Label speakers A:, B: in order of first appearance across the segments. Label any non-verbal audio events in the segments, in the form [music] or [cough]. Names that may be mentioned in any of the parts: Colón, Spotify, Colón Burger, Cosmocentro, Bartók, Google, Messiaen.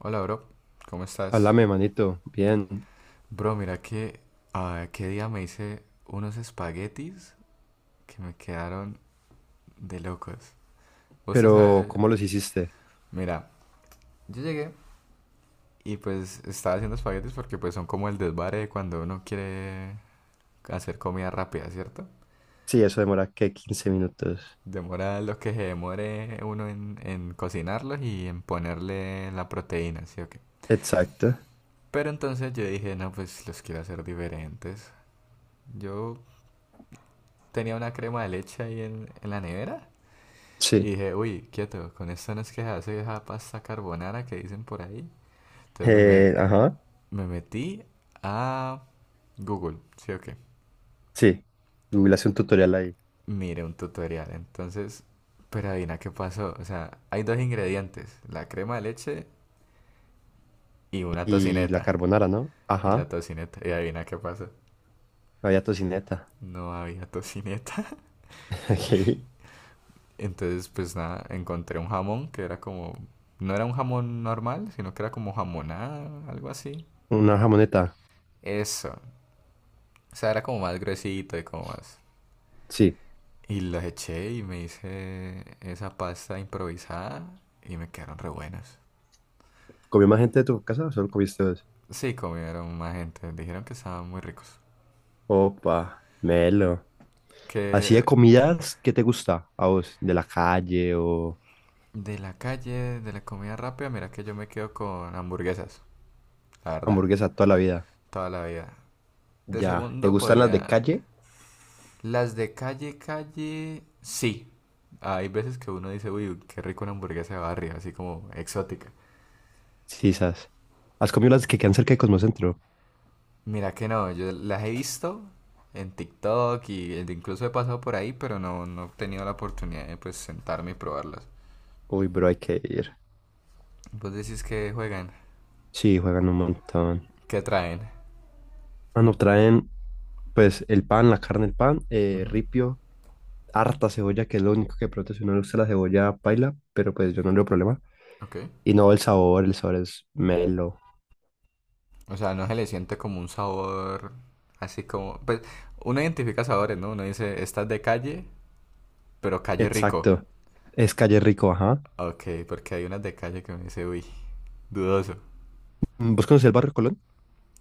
A: Hola, bro. ¿Cómo estás?
B: Háblame, manito. Bien.
A: Bro, mira que qué día me hice unos espaguetis que me quedaron de locos. Vos te
B: Pero,
A: sabes,
B: ¿cómo los hiciste?
A: mira, yo llegué y pues estaba haciendo espaguetis porque pues son como el desvare de cuando uno quiere hacer comida rápida, ¿cierto?
B: Sí, eso demora, ¿qué? 15 minutos.
A: Demora lo que se demore uno en cocinarlos y en ponerle la proteína, ¿sí o qué?
B: Exacto.
A: Pero entonces yo dije, no, pues los quiero hacer diferentes. Yo tenía una crema de leche ahí en la nevera. Y
B: Sí.
A: dije, uy, quieto, con esta no es que se hace esa pasta carbonara que dicen por ahí. Entonces me, me,
B: Ajá.
A: me metí a Google, ¿sí o qué?
B: Sí. Google hace un tutorial ahí.
A: Mire un tutorial. Entonces, pero adivina qué pasó. O sea, hay dos ingredientes, la crema de leche y una
B: Y la
A: tocineta.
B: carbonara, ¿no?
A: Y la
B: Ajá.
A: tocineta, y adivina qué pasó.
B: Había tocineta.
A: No había tocineta. [laughs]
B: [laughs] Ok.
A: Entonces, pues nada, encontré un jamón que era como... No era un jamón normal, sino que era como jamonada, algo así.
B: Una jamoneta.
A: Eso. O sea, era como más gruesito y como más.
B: Sí.
A: Y los eché y me hice esa pasta improvisada y me quedaron re buenos.
B: ¿Comió más gente de tu casa o solo comiste dos?
A: Sí, comieron más gente, dijeron que estaban muy ricos.
B: Opa, melo. Así de
A: Que
B: comidas, ¿qué te gusta a vos? ¿De la calle o
A: de la calle, de la comida rápida, mira que yo me quedo con hamburguesas, la verdad,
B: hamburguesa toda la vida?
A: toda la vida. De
B: Ya. ¿Te
A: segundo
B: gustan las de
A: podría...
B: calle?
A: Las de calle, calle, sí. Hay veces que uno dice, uy, qué rico una hamburguesa de barrio, así como exótica.
B: Sí, esas. ¿Has comido las que quedan cerca de Cosmocentro?
A: Mira que no, yo las he visto en TikTok y e incluso he pasado por ahí, pero no, no he tenido la oportunidad de pues sentarme y probarlas.
B: Uy, bro, hay que ir.
A: Vos decís que juegan,
B: Sí, juegan un montón.
A: que traen.
B: Mano, traen pues el pan, la carne, el pan,
A: Ujú.
B: ripio, harta cebolla, que es lo único que protege. No le gusta la cebolla paila, pero pues yo no tengo problema.
A: Ok.
B: Y no, el sabor es melo.
A: O sea, no se le siente como un sabor así como... Pues uno identifica sabores, ¿no? Uno dice, esta es de calle, pero calle rico.
B: Exacto. Es calle rico, ajá.
A: Ok, porque hay unas de calle que uno dice, uy, dudoso.
B: ¿Vos conocés el barrio Colón?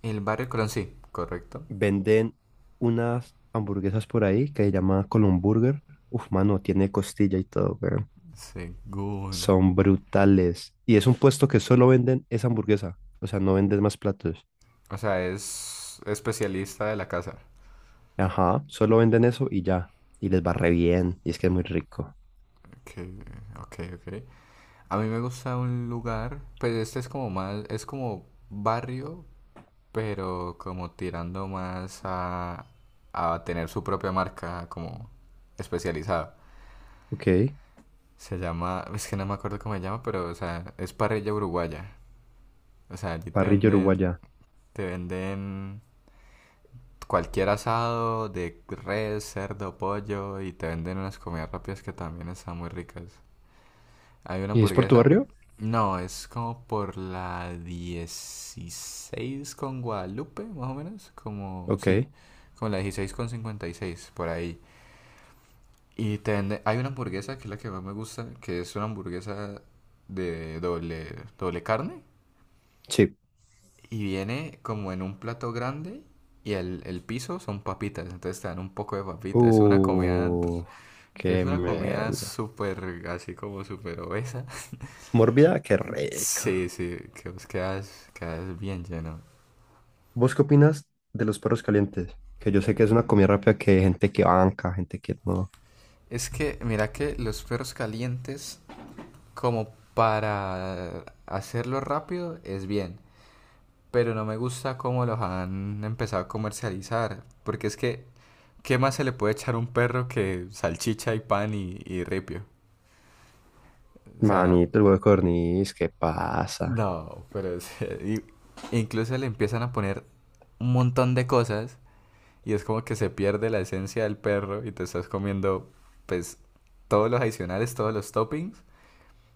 A: El barrio de Colón, sí, correcto.
B: Venden unas hamburguesas por ahí que se llama Colón Burger. Uf, mano, tiene costilla y todo, weón.
A: Según.
B: Son brutales. Y es un puesto que solo venden esa hamburguesa. O sea, no venden más platos.
A: O sea, es especialista de la casa.
B: Ajá, solo venden eso y ya. Y les va re bien. Y es que es muy rico.
A: Ok, ok, ok. A mí me gusta un lugar, pues este es como más, es como barrio, pero como tirando más a tener su propia marca como especializada.
B: Ok,
A: Se llama, es que no me acuerdo cómo se llama, pero o sea, es parrilla uruguaya. O sea, allí
B: parrilla uruguaya.
A: te venden cualquier asado de res, cerdo, pollo y te venden unas comidas rápidas que también están muy ricas. ¿Hay una
B: ¿Y es por tu
A: hamburguesa?
B: barrio?
A: No, es como por la 16 con Guadalupe, más o menos. Como, sí,
B: Ok,
A: como la 16 con 56, por ahí. Y te venden- hay una hamburguesa que es la que más me gusta, que es una hamburguesa de doble, doble carne.
B: sí.
A: Y viene como en un plato grande y el piso son papitas, entonces te dan un poco de papitas.
B: Uh,
A: Es
B: qué
A: una comida
B: melo.
A: súper, así como súper obesa.
B: Mórbida, qué rico.
A: Sí, sí, que vos quedas bien lleno.
B: ¿Vos qué opinas de los perros calientes? Que yo sé que es una comida rápida que hay gente que banca, gente que no.
A: Es que, mira que los perros calientes, como para hacerlo rápido, es bien. Pero no me gusta cómo los han empezado a comercializar. Porque es que, ¿qué más se le puede echar a un perro que salchicha y pan y ripio? O sea,
B: Manito, el huevo de codorniz, ¿qué pasa?
A: no, pero es- [laughs] y- incluso le empiezan a poner un montón de cosas y es como que se pierde la esencia del perro y te estás comiendo pues todos los adicionales, todos los toppings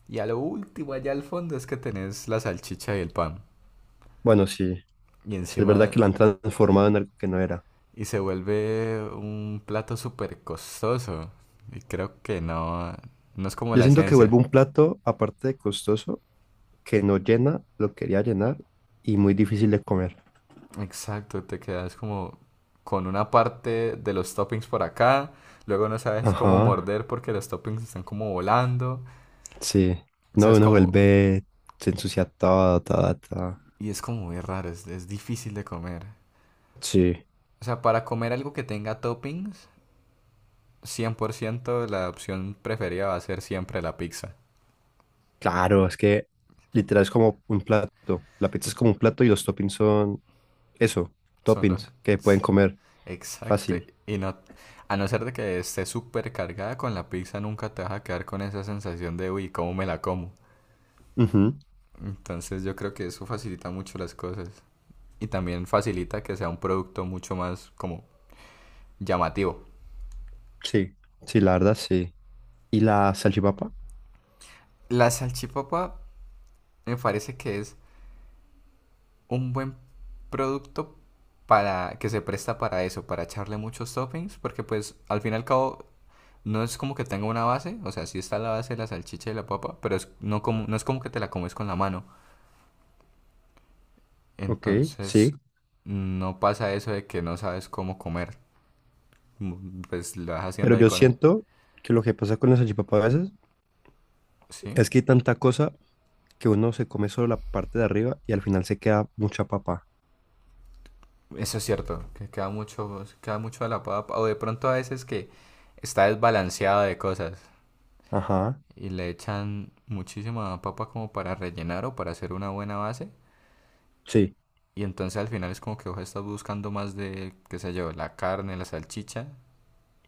A: y a lo último allá al fondo es que tenés la salchicha y el pan
B: Bueno, sí,
A: y
B: sí es verdad
A: encima
B: que la han transformado en algo que no era.
A: y se vuelve un plato súper costoso y creo que no es como
B: Yo
A: la
B: siento que
A: esencia.
B: vuelve un plato, aparte de costoso, que no llena, lo quería llenar y muy difícil de comer.
A: Exacto, te quedas como con una parte de los toppings por acá, luego no sabes cómo
B: Ajá,
A: morder porque los toppings están como volando.
B: sí.
A: O sea,
B: No,
A: es
B: uno
A: como.
B: vuelve, se ensucia todo, todo, todo.
A: Y es como muy raro, es difícil de comer.
B: Sí,
A: O sea, para comer algo que tenga toppings, 100% la opción preferida va a ser siempre la pizza.
B: claro, es que literal es como un plato. La pizza es como un plato y los toppings son eso,
A: Son los...
B: toppings que pueden comer
A: Exacto.
B: fácil.
A: Y no, a no ser de que esté súper cargada con la pizza, nunca te vas a quedar con esa sensación de, uy, ¿cómo me la como?
B: Ujú.
A: Entonces yo creo que eso facilita mucho las cosas. Y también facilita que sea un producto mucho más como llamativo.
B: Sí, sí, la verdad, sí. ¿Y la salchipapa?
A: La salchipapa me parece que es un buen producto para que se presta para eso, para echarle muchos toppings, porque pues al fin y al cabo no es como que tenga una base, o sea, sí está la base de la salchicha y la papa, pero es, no, como, no es como que te la comes con la mano.
B: Ok,
A: Entonces
B: sí.
A: no pasa eso de que no sabes cómo comer, pues lo vas
B: Pero
A: haciendo ahí
B: yo
A: con él.
B: siento que lo que pasa con la salchipapa a veces
A: ¿Sí?
B: es que hay tanta cosa que uno se come solo la parte de arriba y al final se queda mucha papa.
A: Eso es cierto, que queda mucho de la papa, o de pronto a veces que está desbalanceado de cosas.
B: Ajá,
A: Y le echan muchísima papa como para rellenar o para hacer una buena base.
B: sí,
A: Y entonces al final es como que vos estás buscando más de, qué sé yo, la carne, la salchicha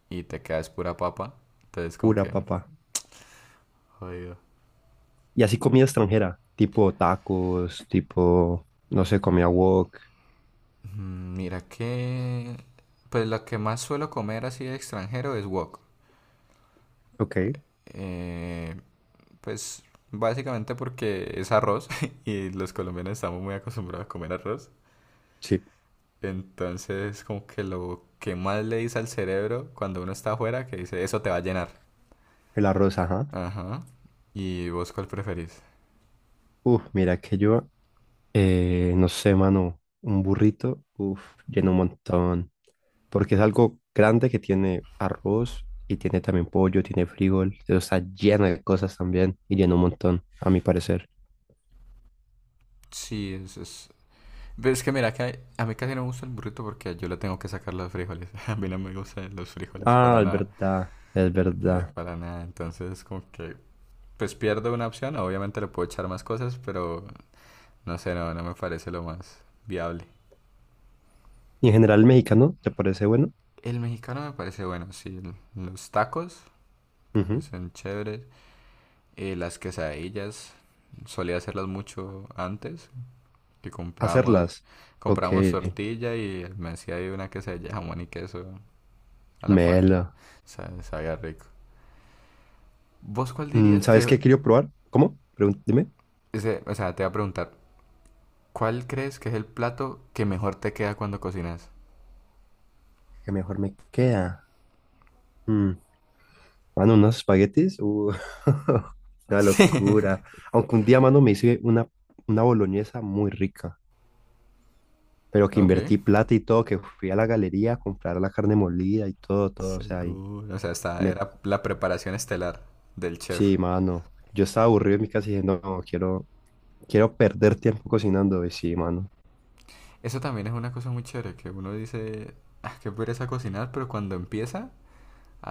A: y te quedas pura papa. Entonces como
B: pura
A: que,
B: papa.
A: jodido.
B: Y así comida extranjera, tipo tacos, tipo, no sé, comida wok.
A: Mira que, pues lo que más suelo comer así de extranjero es wok.
B: Ok,
A: Eh, pues básicamente porque es arroz [laughs] y los colombianos estamos muy acostumbrados a comer arroz.
B: sí,
A: Entonces, como que lo que más le dice al cerebro cuando uno está afuera, que dice, eso te va a llenar.
B: el arroz, ajá.
A: Ajá. ¿Y vos cuál preferís?
B: Uf, mira que yo, no sé, mano, un burrito, uf, lleno un montón. Porque es algo grande que tiene arroz y tiene también pollo, tiene frijol, pero está lleno de cosas también y lleno un montón, a mi parecer.
A: Sí, es... Pero es que mira, que hay- a mí casi no me gusta el burrito porque yo le tengo que sacar los frijoles. [laughs] A mí no me gustan los frijoles
B: Ah,
A: para
B: es
A: nada.
B: verdad, es verdad.
A: Para nada. Entonces, como que, pues pierdo una opción. Obviamente le puedo echar más cosas, pero no sé, no, no me parece lo más viable.
B: Y en general el mexicano, ¿te parece bueno?
A: El mexicano me parece bueno, sí. el- Los tacos
B: Ujú.
A: parecen chéveres. Las quesadillas solía hacerlas mucho antes, que
B: Hacerlas. Ok.
A: comprábamos tortilla y me hacía ahí una quesadilla de jamón y queso a la parrilla.
B: Melo.
A: Sa- Sabía rico. ¿Vos cuál dirías
B: ¿Sabes
A: que,
B: qué quiero probar? ¿Cómo? Dime.
A: ese- o sea, te voy a preguntar, ¿cuál crees que es el plato que mejor te queda cuando cocinas?
B: ¿Qué mejor me queda? Mm, mano, unos espaguetis. [laughs] Una
A: [laughs] Sí.
B: locura. Aunque un día, mano, me hice una boloñesa muy rica. Pero que
A: Ok,
B: invertí plata y todo, que fui a la galería a comprar la carne molida y todo, todo. O sea, y
A: seguro. O sea,
B: me...
A: era la preparación estelar del
B: Sí,
A: chef.
B: mano. Yo estaba aburrido en mi casa y dije, no, quiero, quiero perder tiempo cocinando. Y sí, mano.
A: Eso también es una cosa muy chévere, que uno dice, ah, qué pereza cocinar, pero cuando empieza,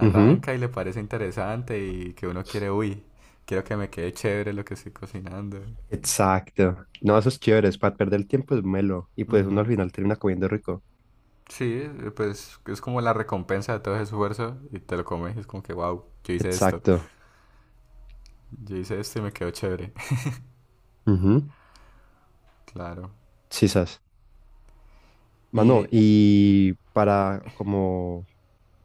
B: Ujú.
A: y le parece interesante y que uno quiere, uy, quiero que me quede chévere lo que estoy cocinando.
B: Exacto. No, eso es chévere, es para perder el tiempo es melo. Y pues uno
A: Ujú.
B: al final termina comiendo rico.
A: Sí, pues es como la recompensa de todo ese esfuerzo y te lo comes y es como que, wow,
B: Exacto.
A: yo hice esto y me quedó chévere. [laughs]
B: Ujú.
A: Claro.
B: Sí, sas. Mano,
A: Y
B: y para como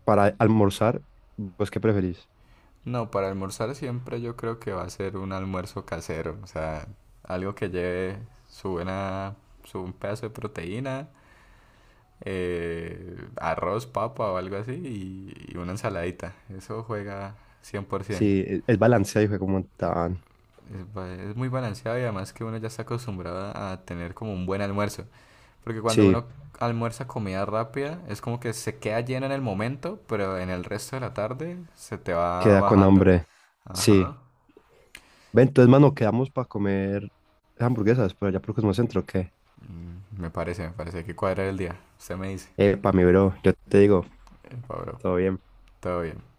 B: para almorzar, ¿vos qué preferís?
A: no, para almorzar siempre yo creo que va a ser un almuerzo casero, o sea, algo que lleve su buena, su un pedazo de proteína arroz, papa o algo así y una ensaladita. Eso juega 100%.
B: Sí, es balanceado, hijo, de como tan.
A: Es, ba- es muy balanceado y además que uno ya está acostumbrado a tener como un buen almuerzo. Porque cuando
B: Sí,
A: uno almuerza comida rápida, es como que se queda lleno en el momento, pero en el resto de la tarde se te va
B: queda con
A: bajando.
B: hambre. Sí.
A: Ajá.
B: Ve, entonces, mano, quedamos para comer hamburguesas, pero allá por Cosmocentro, ¿qué?
A: Me parece que cuadra el día. Usted me dice.
B: Epa, mi bro, yo te digo,
A: Pablo,
B: todo bien.
A: todo bien.